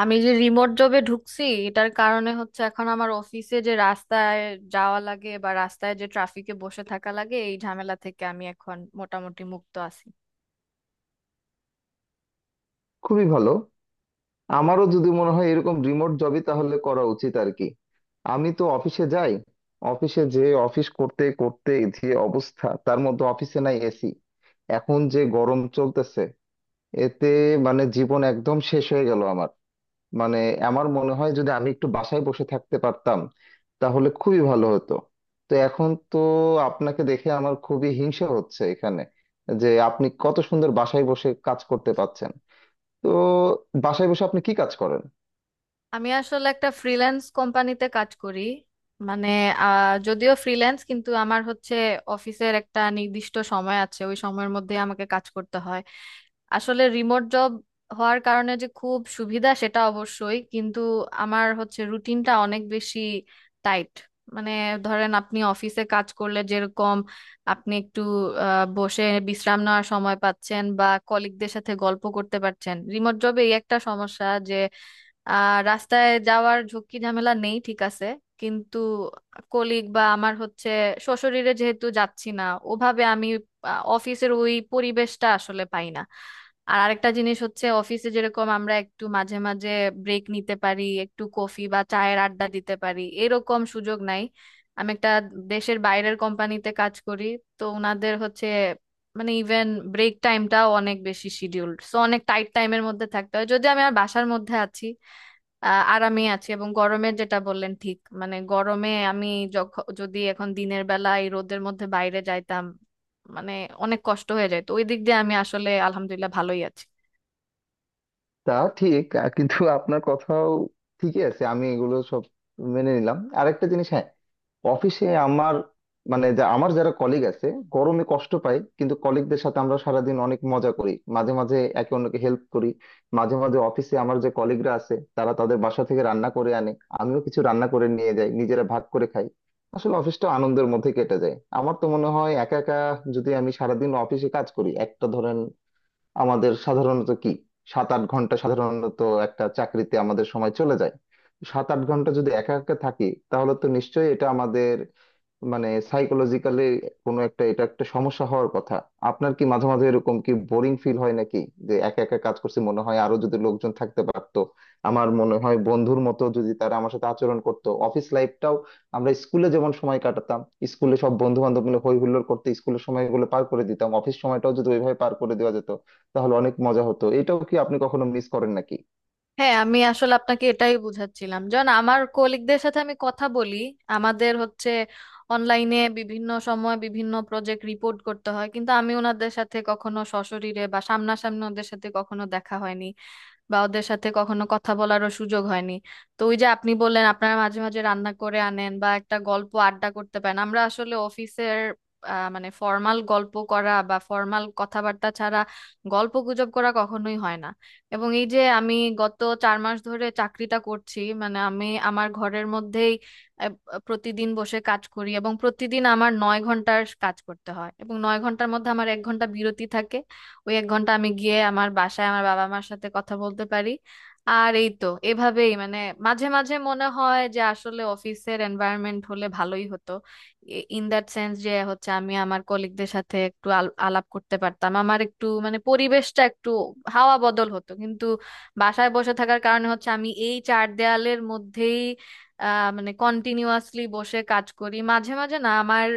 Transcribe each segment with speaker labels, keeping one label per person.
Speaker 1: আমি যে রিমোট জবে ঢুকছি এটার কারণে হচ্ছে এখন আমার অফিসে যে রাস্তায় যাওয়া লাগে বা রাস্তায় যে ট্রাফিকে বসে থাকা লাগে এই ঝামেলা থেকে আমি এখন মোটামুটি মুক্ত আছি।
Speaker 2: খুবই ভালো। আমারও যদি মনে হয় এরকম রিমোট জবই তাহলে করা উচিত আর কি। আমি তো অফিসে যাই। অফিসে যে অফিস করতে করতে যে অবস্থা, তার মধ্যে অফিসে নাই এসি। এখন যে গরম চলতেছে, এতে মানে জীবন একদম শেষ হয়ে গেল আমার। মানে আমার মনে হয় যদি আমি একটু বাসায় বসে থাকতে পারতাম, তাহলে খুবই ভালো হতো। তো এখন তো আপনাকে দেখে আমার খুবই হিংসা হচ্ছে এখানে, যে আপনি কত সুন্দর বাসায় বসে কাজ করতে পারছেন। তো বাসায় বসে আপনি কি কাজ করেন?
Speaker 1: আমি আসলে একটা ফ্রিল্যান্স কোম্পানিতে কাজ করি। মানে যদিও ফ্রিল্যান্স কিন্তু আমার হচ্ছে অফিসের একটা নির্দিষ্ট সময় আছে, ওই সময়ের মধ্যে আমাকে কাজ করতে হয়। আসলে রিমোট জব হওয়ার কারণে যে খুব সুবিধা সেটা অবশ্যই, কিন্তু আমার হচ্ছে রুটিনটা অনেক বেশি টাইট। মানে ধরেন আপনি অফিসে কাজ করলে যেরকম আপনি একটু বসে বিশ্রাম নেওয়ার সময় পাচ্ছেন বা কলিগদের সাথে গল্প করতে পারছেন, রিমোট জবে এই একটা সমস্যা যে। আর রাস্তায় যাওয়ার ঝুঁকি ঝামেলা নেই, ঠিক আছে, কিন্তু কলিগ বা আমার হচ্ছে শ্বশুরিরে যেহেতু যাচ্ছি না ওভাবে আমি অফিসের ওই পরিবেশটা আসলে পাই না। আর আরেকটা জিনিস হচ্ছে অফিসে যেরকম আমরা একটু মাঝে মাঝে ব্রেক নিতে পারি, একটু কফি বা চায়ের আড্ডা দিতে পারি, এরকম সুযোগ নাই। আমি একটা দেশের বাইরের কোম্পানিতে কাজ করি। তো ওনাদের হচ্ছে মানে ইভেন ব্রেক টাইমটাও অনেক বেশি শিডিউলড, সো অনেক টাইট টাইমের মধ্যে থাকতে হয়। যদি আমি আর বাসার মধ্যে আছি আরামে আছি, এবং গরমের যেটা বললেন ঠিক, মানে গরমে আমি যখন যদি এখন দিনের বেলা এই রোদের মধ্যে বাইরে যাইতাম মানে অনেক কষ্ট হয়ে যেত, ওই দিক দিয়ে আমি আসলে আলহামদুলিল্লাহ ভালোই আছি।
Speaker 2: তা ঠিক কিন্তু আপনার কথাও ঠিকই আছে। আমি এগুলো সব মেনে নিলাম। আরেকটা জিনিস, হ্যাঁ, অফিসে আমার মানে যা আমার যারা কলিগ আছে, গরমে কষ্ট পাই, কিন্তু কলিগদের সাথে আমরা সারাদিন অনেক মজা করি, মাঝে মাঝে একে অন্যকে হেল্প করি। মাঝে মাঝে অফিসে আমার যে কলিগরা আছে, তারা তাদের বাসা থেকে রান্না করে আনে, আমিও কিছু রান্না করে নিয়ে যাই, নিজেরা ভাগ করে খাই। আসলে অফিসটা আনন্দের মধ্যে কেটে যায়। আমার তো মনে হয় একা একা যদি আমি সারাদিন অফিসে কাজ করি, একটা ধরেন আমাদের সাধারণত কি 7-8 ঘন্টা সাধারণত একটা চাকরিতে আমাদের সময় চলে যায়, 7-8 ঘন্টা যদি একা একা থাকি, তাহলে তো নিশ্চয়ই এটা আমাদের মানে সাইকোলজিক্যালি কোনো একটা এটা একটা সমস্যা হওয়ার কথা। আপনার কি মাঝে মাঝে এরকম কি বোরিং ফিল হয় নাকি, যে একা একা কাজ করছি, মনে হয় আরো যদি লোকজন থাকতে পারতো? আমার মনে হয় বন্ধুর মতো যদি তারা আমার সাথে আচরণ করতো, অফিস লাইফটাও আমরা স্কুলে যেমন সময় কাটাতাম, স্কুলে সব বন্ধু বান্ধব মিলে হই হুল্লোড় করতে স্কুলের সময়গুলো পার করে দিতাম, অফিস সময়টাও যদি ওইভাবে পার করে দেওয়া যেত, তাহলে অনেক মজা হতো। এটাও কি আপনি কখনো মিস করেন নাকি?
Speaker 1: হ্যাঁ আমি আসলে আপনাকে এটাই বুঝাচ্ছিলাম, যখন আমার কলিগদের সাথে আমি কথা বলি আমাদের হচ্ছে অনলাইনে বিভিন্ন সময় বিভিন্ন প্রজেক্ট রিপোর্ট করতে হয়, কিন্তু আমি ওনাদের সাথে কখনো সশরীরে বা সামনাসামনি ওদের সাথে কখনো দেখা হয়নি বা ওদের সাথে কখনো কথা বলারও সুযোগ হয়নি। তো ওই যে আপনি বললেন আপনারা মাঝে মাঝে রান্না করে আনেন বা একটা গল্প আড্ডা করতে পারেন, আমরা আসলে অফিসের মানে ফর্মাল গল্প করা বা ফর্মাল কথাবার্তা ছাড়া গল্প গুজব করা কখনোই হয় না। এবং এই যে আমি গত 4 মাস ধরে চাকরিটা করছি, মানে আমি আমার ঘরের মধ্যেই আহ, প্রতিদিন বসে কাজ করি এবং প্রতিদিন আমার 9 ঘন্টার কাজ করতে হয় এবং 9 ঘন্টার মধ্যে আমার 1 ঘন্টা বিরতি থাকে। ওই 1 ঘন্টা আমি গিয়ে আমার বাসায় আমার বাবা মার সাথে কথা বলতে পারি। আর এই তো এভাবেই, মানে মাঝে মাঝে মনে হয় যে আসলে অফিসের এনভায়রনমেন্ট হলে ভালোই হতো। ইন দ্যাট সেন্স যে হচ্ছে আমি আমার কলিগদের সাথে একটু আলাপ করতে পারতাম, আমার একটু মানে পরিবেশটা একটু হাওয়া বদল হতো, কিন্তু বাসায় বসে থাকার কারণে হচ্ছে আমি এই চার দেয়ালের মধ্যেই মানে কন্টিনিউয়াসলি বসে কাজ করি মাঝে মাঝে না আমার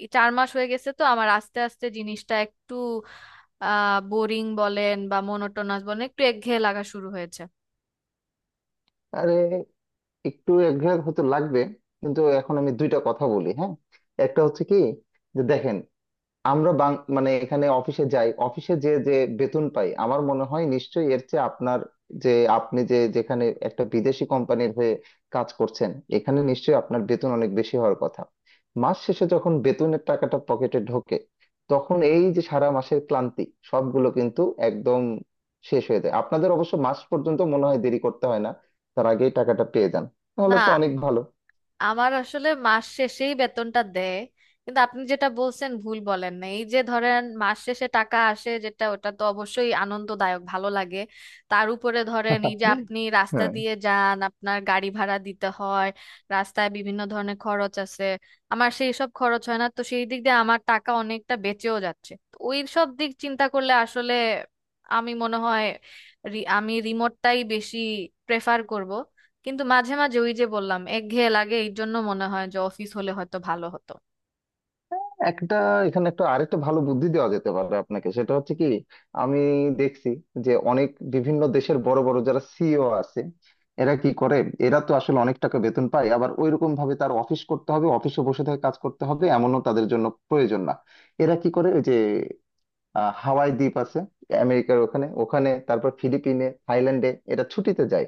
Speaker 1: এই 4 মাস হয়ে গেছে, তো আমার আস্তে আস্তে জিনিসটা একটু বোরিং বলেন বা মনোটোনাস বলেন একটু একঘেয়ে লাগা শুরু হয়েছে।
Speaker 2: আরে একটু একঘেয়ে হতে লাগবে। কিন্তু এখন আমি দুইটা কথা বলি, হ্যাঁ। একটা হচ্ছে কি, যে দেখেন, আমরা মানে এখানে অফিসে যাই, অফিসে যে যে বেতন পাই, আমার মনে হয় নিশ্চয়ই এর চেয়ে আপনার, যে আপনি যে যেখানে একটা বিদেশি কোম্পানির হয়ে কাজ করছেন, এখানে নিশ্চয়ই আপনার বেতন অনেক বেশি হওয়ার কথা। মাস শেষে যখন বেতনের টাকাটা পকেটে ঢোকে, তখন এই যে সারা মাসের ক্লান্তি, সবগুলো কিন্তু একদম শেষ হয়ে যায়। আপনাদের অবশ্য মাস পর্যন্ত মনে হয় দেরি করতে হয় না, তার আগেই টাকাটা পেয়ে যান, তাহলে
Speaker 1: না
Speaker 2: তো অনেক ভালো।
Speaker 1: আমার আসলে মাস শেষেই বেতনটা দেয়, কিন্তু আপনি যেটা বলছেন ভুল বলেন না, এই যে ধরেন মাস শেষে টাকা আসে যেটা ওটা তো অবশ্যই আনন্দদায়ক, ভালো লাগে। তার উপরে ধরেন এই যে আপনি রাস্তা
Speaker 2: হ্যাঁ।
Speaker 1: দিয়ে যান আপনার গাড়ি ভাড়া দিতে হয়, রাস্তায় বিভিন্ন ধরনের খরচ আছে, আমার সেই সব খরচ হয় না, তো সেই দিক দিয়ে আমার টাকা অনেকটা বেঁচেও যাচ্ছে। তো ওই সব দিক চিন্তা করলে আসলে আমি মনে হয় আমি রিমোটটাই বেশি প্রেফার করব, কিন্তু মাঝে মাঝে ওই যে বললাম একঘেয়ে লাগে এই জন্য মনে হয় যে অফিস হলে হয়তো ভালো হতো।
Speaker 2: একটা এখানে একটা আরেকটা ভালো বুদ্ধি দেওয়া যেতে পারে আপনাকে। সেটা হচ্ছে কি, আমি দেখছি যে অনেক বিভিন্ন দেশের বড় বড় যারা সিইও আছে, এরা কি করে, এরা তো আসলে অনেক টাকা বেতন পায়, আবার ওইরকম ভাবে তার অফিস করতে হবে, অফিসে বসে থেকে কাজ করতে হবে, এমনও তাদের জন্য প্রয়োজন না। এরা কি করে, ওই যে আহ হাওয়াই দ্বীপ আছে আমেরিকার, ওখানে ওখানে তারপর ফিলিপিনে, থাইল্যান্ডে এটা ছুটিতে যায়,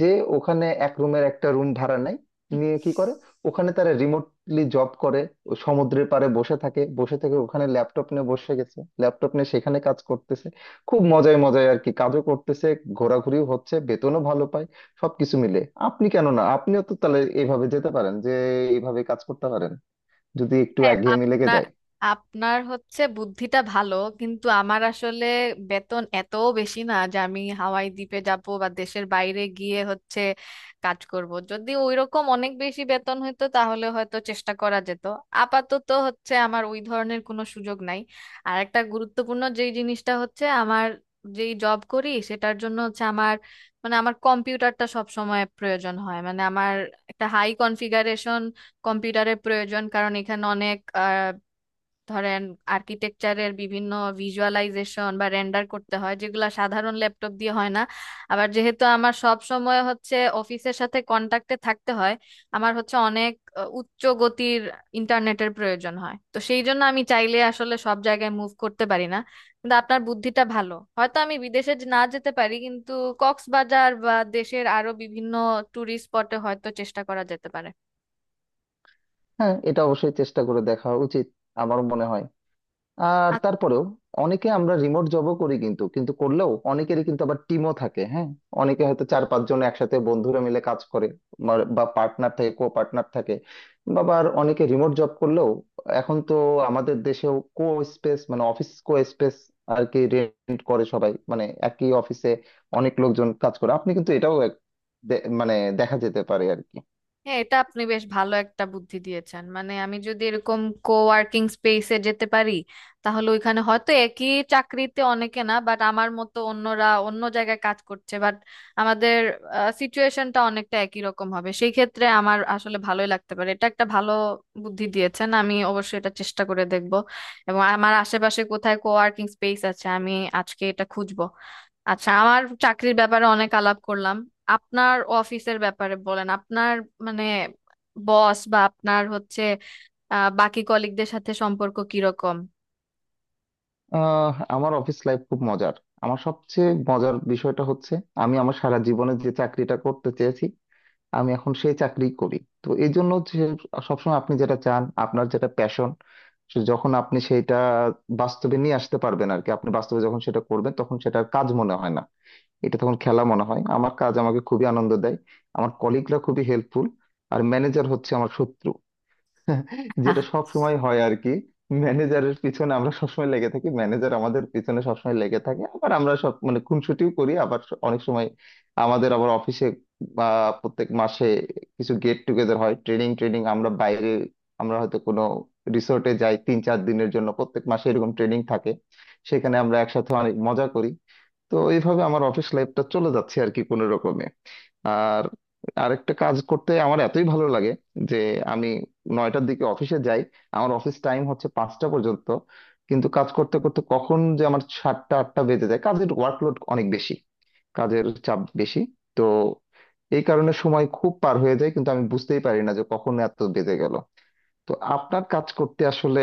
Speaker 2: যে ওখানে এক রুমের একটা রুম ভাড়া নেয়, নিয়ে কি করে, ওখানে তারা রিমোটলি জব করে। ও সমুদ্রের পাড়ে বসে থাকে, বসে থেকে ওখানে ল্যাপটপ নিয়ে বসে গেছে, ল্যাপটপ নিয়ে সেখানে কাজ করতেছে, খুব মজায় মজায় আর কি। কাজও করতেছে, ঘোরাঘুরিও হচ্ছে, বেতনও ভালো পায়, সবকিছু মিলে। আপনি কেন না, আপনিও তো তাহলে এইভাবে যেতে পারেন, যে এইভাবে কাজ করতে পারেন, যদি একটু
Speaker 1: হ্যাঁ
Speaker 2: একঘেয়েমি লেগে
Speaker 1: আপনার
Speaker 2: যায়।
Speaker 1: আপনার হচ্ছে বুদ্ধিটা ভালো, কিন্তু আমার আসলে বেতন এত বেশি না যে আমি হাওয়াই দ্বীপে যাব বা দেশের বাইরে গিয়ে হচ্ছে কাজ করব। যদি ওইরকম অনেক বেশি বেতন হতো তাহলে হয়তো চেষ্টা করা যেত। আপাতত হচ্ছে আমার ওই ধরনের কোনো সুযোগ নাই। আর একটা গুরুত্বপূর্ণ যেই জিনিসটা হচ্ছে আমার যেই জব করি সেটার জন্য হচ্ছে আমার, মানে আমার কম্পিউটারটা সব সময় প্রয়োজন হয়, মানে আমার একটা হাই কনফিগারেশন কম্পিউটারের প্রয়োজন কারণ এখানে অনেক আহ, ধরেন আর্কিটেকচারের বিভিন্ন ভিজুয়ালাইজেশন বা রেন্ডার করতে হয় যেগুলো সাধারণ ল্যাপটপ দিয়ে হয় না। আবার যেহেতু আমার সব সময় হচ্ছে অফিসের সাথে কন্টাক্টে থাকতে হয় আমার হচ্ছে অনেক উচ্চ গতির ইন্টারনেটের প্রয়োজন হয়, তো সেই জন্য আমি চাইলে আসলে সব জায়গায় মুভ করতে পারি না। কিন্তু আপনার বুদ্ধিটা ভালো, হয়তো আমি বিদেশে না যেতে পারি কিন্তু কক্সবাজার বা দেশের আরো বিভিন্ন টুরিস্ট স্পটে হয়তো চেষ্টা করা যেতে পারে।
Speaker 2: হ্যাঁ এটা অবশ্যই চেষ্টা করে দেখা উচিত আমার মনে হয়। আর তারপরেও অনেকে আমরা রিমোট জবও করি, কিন্তু কিন্তু করলেও অনেকেরই কিন্তু আবার টিমও থাকে, হ্যাঁ। অনেকে হয়তো 4-5 জন একসাথে বন্ধুরা মিলে কাজ করে, বা পার্টনার থাকে, কো পার্টনার থাকে। বা আবার অনেকে রিমোট জব করলেও এখন তো আমাদের দেশেও কো স্পেস মানে অফিস কো স্পেস আর কি রেন্ট করে, সবাই মানে একই অফিসে অনেক লোকজন কাজ করে। আপনি কিন্তু এটাও মানে দেখা যেতে পারে আর কি।
Speaker 1: হ্যাঁ এটা আপনি বেশ ভালো একটা বুদ্ধি দিয়েছেন, মানে আমি যদি এরকম কোওয়ার্কিং স্পেসে যেতে পারি তাহলে ওইখানে হয়তো একই চাকরিতে অনেকে না বাট আমার মতো অন্যরা অন্য জায়গায় কাজ করছে, বাট আমাদের সিচুয়েশনটা অনেকটা একই রকম হবে। সেই ক্ষেত্রে আমার আসলে ভালোই লাগতে পারে, এটা একটা ভালো বুদ্ধি দিয়েছেন, আমি অবশ্যই এটা চেষ্টা করে দেখব এবং আমার আশেপাশে কোথায় কোওয়ার্কিং স্পেস আছে আমি আজকে এটা খুঁজবো। আচ্ছা আমার চাকরির ব্যাপারে অনেক আলাপ করলাম, আপনার অফিসের ব্যাপারে বলেন। আপনার মানে বস বা আপনার হচ্ছে বাকি কলিগদের সাথে সম্পর্ক কিরকম?
Speaker 2: আমার অফিস লাইফ খুব মজার। আমার সবচেয়ে মজার বিষয়টা হচ্ছে, আমি আমার সারা জীবনে যে চাকরিটা করতে চেয়েছি, আমি এখন সেই চাকরি করি। তো এই জন্য যে, সবসময় আপনি যেটা চান, আপনার যেটা প্যাশন, যখন আপনি সেটা বাস্তবে নিয়ে আসতে পারবেন আর কি, আপনি বাস্তবে যখন সেটা করবেন, তখন সেটার কাজ মনে হয় না, এটা তখন খেলা মনে হয়। আমার কাজ আমাকে খুবই আনন্দ দেয়। আমার কলিগরা খুবই হেল্পফুল। আর ম্যানেজার হচ্ছে আমার শত্রু, যেটা সব সময় হয় আর কি। ম্যানেজারের পিছনে আমরা সবসময় লেগে থাকি, ম্যানেজার আমাদের পিছনে সবসময় লেগে থাকে, আবার আমরা সব মানে খুনসুটিও করি। আবার অনেক সময় আমাদের আবার অফিসে বা প্রত্যেক মাসে কিছু গেট টুগেদার হয়, ট্রেনিং, আমরা বাইরে, আমরা হয়তো কোনো রিসোর্টে যাই 3-4 দিনের জন্য, প্রত্যেক মাসে এরকম ট্রেনিং থাকে, সেখানে আমরা একসাথে অনেক মজা করি। তো এইভাবে আমার অফিস লাইফটা চলে যাচ্ছে আর কি কোনো রকমে। আর আরেকটা, কাজ করতে আমার এতই ভালো লাগে যে আমি 9টার দিকে অফিসে যাই, আমার অফিস টাইম হচ্ছে 5টা পর্যন্ত, কিন্তু কাজ করতে করতে কখন যে আমার 7টা 8টা বেজে যায়, কাজের ওয়ার্কলোড অনেক বেশি, কাজের চাপ বেশি। তো এই কারণে সময় খুব পার হয়ে যায় কিন্তু আমি বুঝতেই পারি না যে কখন এত বেজে গেল। তো আপনার কাজ করতে আসলে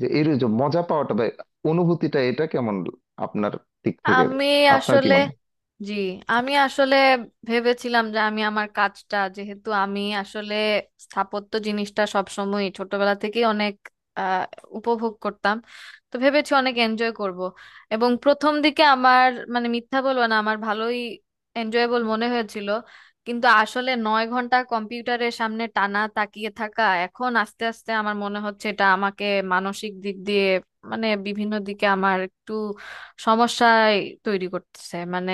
Speaker 2: যে এর যে মজা পাওয়াটা বা অনুভূতিটা, এটা কেমন আপনার দিক থেকে?
Speaker 1: আমি
Speaker 2: আপনার কি
Speaker 1: আসলে
Speaker 2: মনে হয়?
Speaker 1: জি আমি আসলে ভেবেছিলাম যে আমি আমার কাজটা, যেহেতু আমি আসলে স্থাপত্য জিনিসটা সবসময় ছোটবেলা থেকেই অনেক আহ, উপভোগ করতাম, তো ভেবেছি অনেক এনজয় করব এবং প্রথম দিকে আমার মানে মিথ্যা বলবো না আমার ভালোই এনজয়েবল মনে হয়েছিল। কিন্তু আসলে 9 ঘন্টা কম্পিউটারের সামনে টানা তাকিয়ে থাকা এখন আস্তে আস্তে আমার মনে হচ্ছে এটা আমাকে মানসিক দিক দিয়ে মানে বিভিন্ন দিকে আমার একটু সমস্যায় তৈরি করতেছে। মানে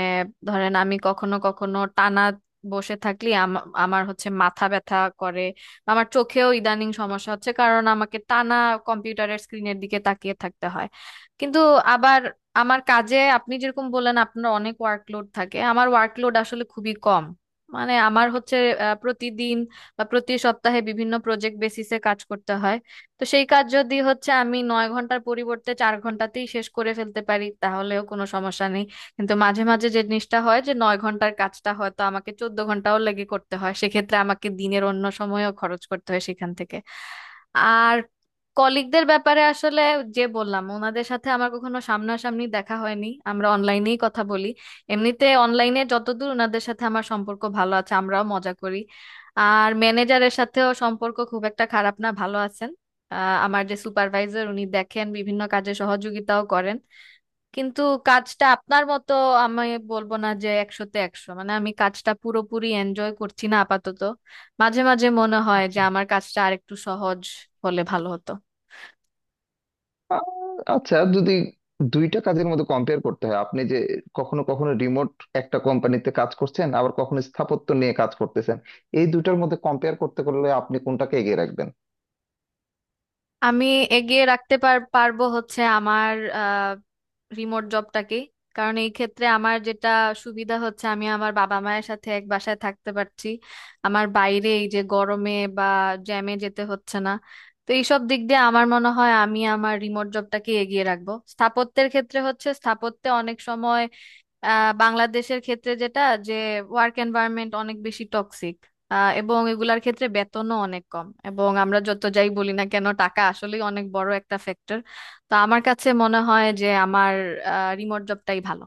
Speaker 1: ধরেন আমি কখনো কখনো টানা বসে থাকলে আমার হচ্ছে মাথা ব্যথা করে, আমার চোখেও ইদানিং সমস্যা হচ্ছে কারণ আমাকে টানা কম্পিউটারের স্ক্রিনের দিকে তাকিয়ে থাকতে হয়। কিন্তু আবার আমার কাজে আপনি যেরকম বললেন আপনার অনেক ওয়ার্কলোড থাকে, আমার ওয়ার্কলোড আসলে খুবই কম। মানে আমার হচ্ছে প্রতিদিন বা প্রতি সপ্তাহে বিভিন্ন প্রজেক্ট বেসিসে কাজ করতে হয়, তো সেই কাজ যদি হচ্ছে আমি 9 ঘন্টার পরিবর্তে 4 ঘন্টাতেই শেষ করে ফেলতে পারি তাহলেও কোনো সমস্যা নেই। কিন্তু মাঝে মাঝে যে জিনিসটা হয় যে 9 ঘন্টার কাজটা হয়তো আমাকে 14 ঘন্টাও লেগে করতে হয় সেক্ষেত্রে আমাকে দিনের অন্য সময়ও খরচ করতে হয় সেখান থেকে। আর কলিগদের ব্যাপারে আসলে যে বললাম ওনাদের সাথে আমার কখনো সামনাসামনি দেখা হয়নি আমরা অনলাইনেই কথা বলি, এমনিতে অনলাইনে যতদূর ওনাদের সাথে আমার সম্পর্ক ভালো আছে, আমরাও মজা করি। আর ম্যানেজারের সাথেও সম্পর্ক খুব একটা খারাপ না, ভালো আছেন। আহ, আমার যে সুপারভাইজার উনি দেখেন বিভিন্ন কাজে সহযোগিতাও করেন, কিন্তু কাজটা আপনার মতো আমি বলবো না যে 100তে 100, মানে আমি কাজটা পুরোপুরি এনজয় করছি না আপাতত। মাঝে মাঝে মনে হয় যে
Speaker 2: আচ্ছা,
Speaker 1: আমার কাজটা আরেকটু সহজ হলে ভালো হতো।
Speaker 2: আহ, আচ্ছা যদি দুইটা কাজের মধ্যে কম্পেয়ার করতে হয়, আপনি যে কখনো কখনো রিমোট একটা কোম্পানিতে কাজ করছেন, আবার কখনো স্থাপত্য নিয়ে কাজ করতেছেন, এই দুইটার মধ্যে কম্পেয়ার করতে করলে আপনি কোনটাকে এগিয়ে রাখবেন?
Speaker 1: আমি এগিয়ে রাখতে পারবো হচ্ছে আমার রিমোট জবটাকে, কারণ এই ক্ষেত্রে আমার যেটা সুবিধা হচ্ছে আমি আমার বাবা মায়ের সাথে এক বাসায় থাকতে পারছি, আমার বাইরে এই যে গরমে বা জ্যামে যেতে হচ্ছে না, তো এইসব দিক দিয়ে আমার মনে হয় আমি আমার রিমোট জবটাকে এগিয়ে রাখবো। স্থাপত্যের ক্ষেত্রে হচ্ছে স্থাপত্যে অনেক সময় বাংলাদেশের ক্ষেত্রে যেটা যে ওয়ার্ক এনভায়রনমেন্ট অনেক বেশি টক্সিক এবং এগুলার ক্ষেত্রে বেতনও অনেক কম, এবং আমরা যত যাই বলি না কেন টাকা আসলেই অনেক বড় একটা ফ্যাক্টর। তো আমার কাছে মনে হয় যে আমার রিমোট জবটাই ভালো।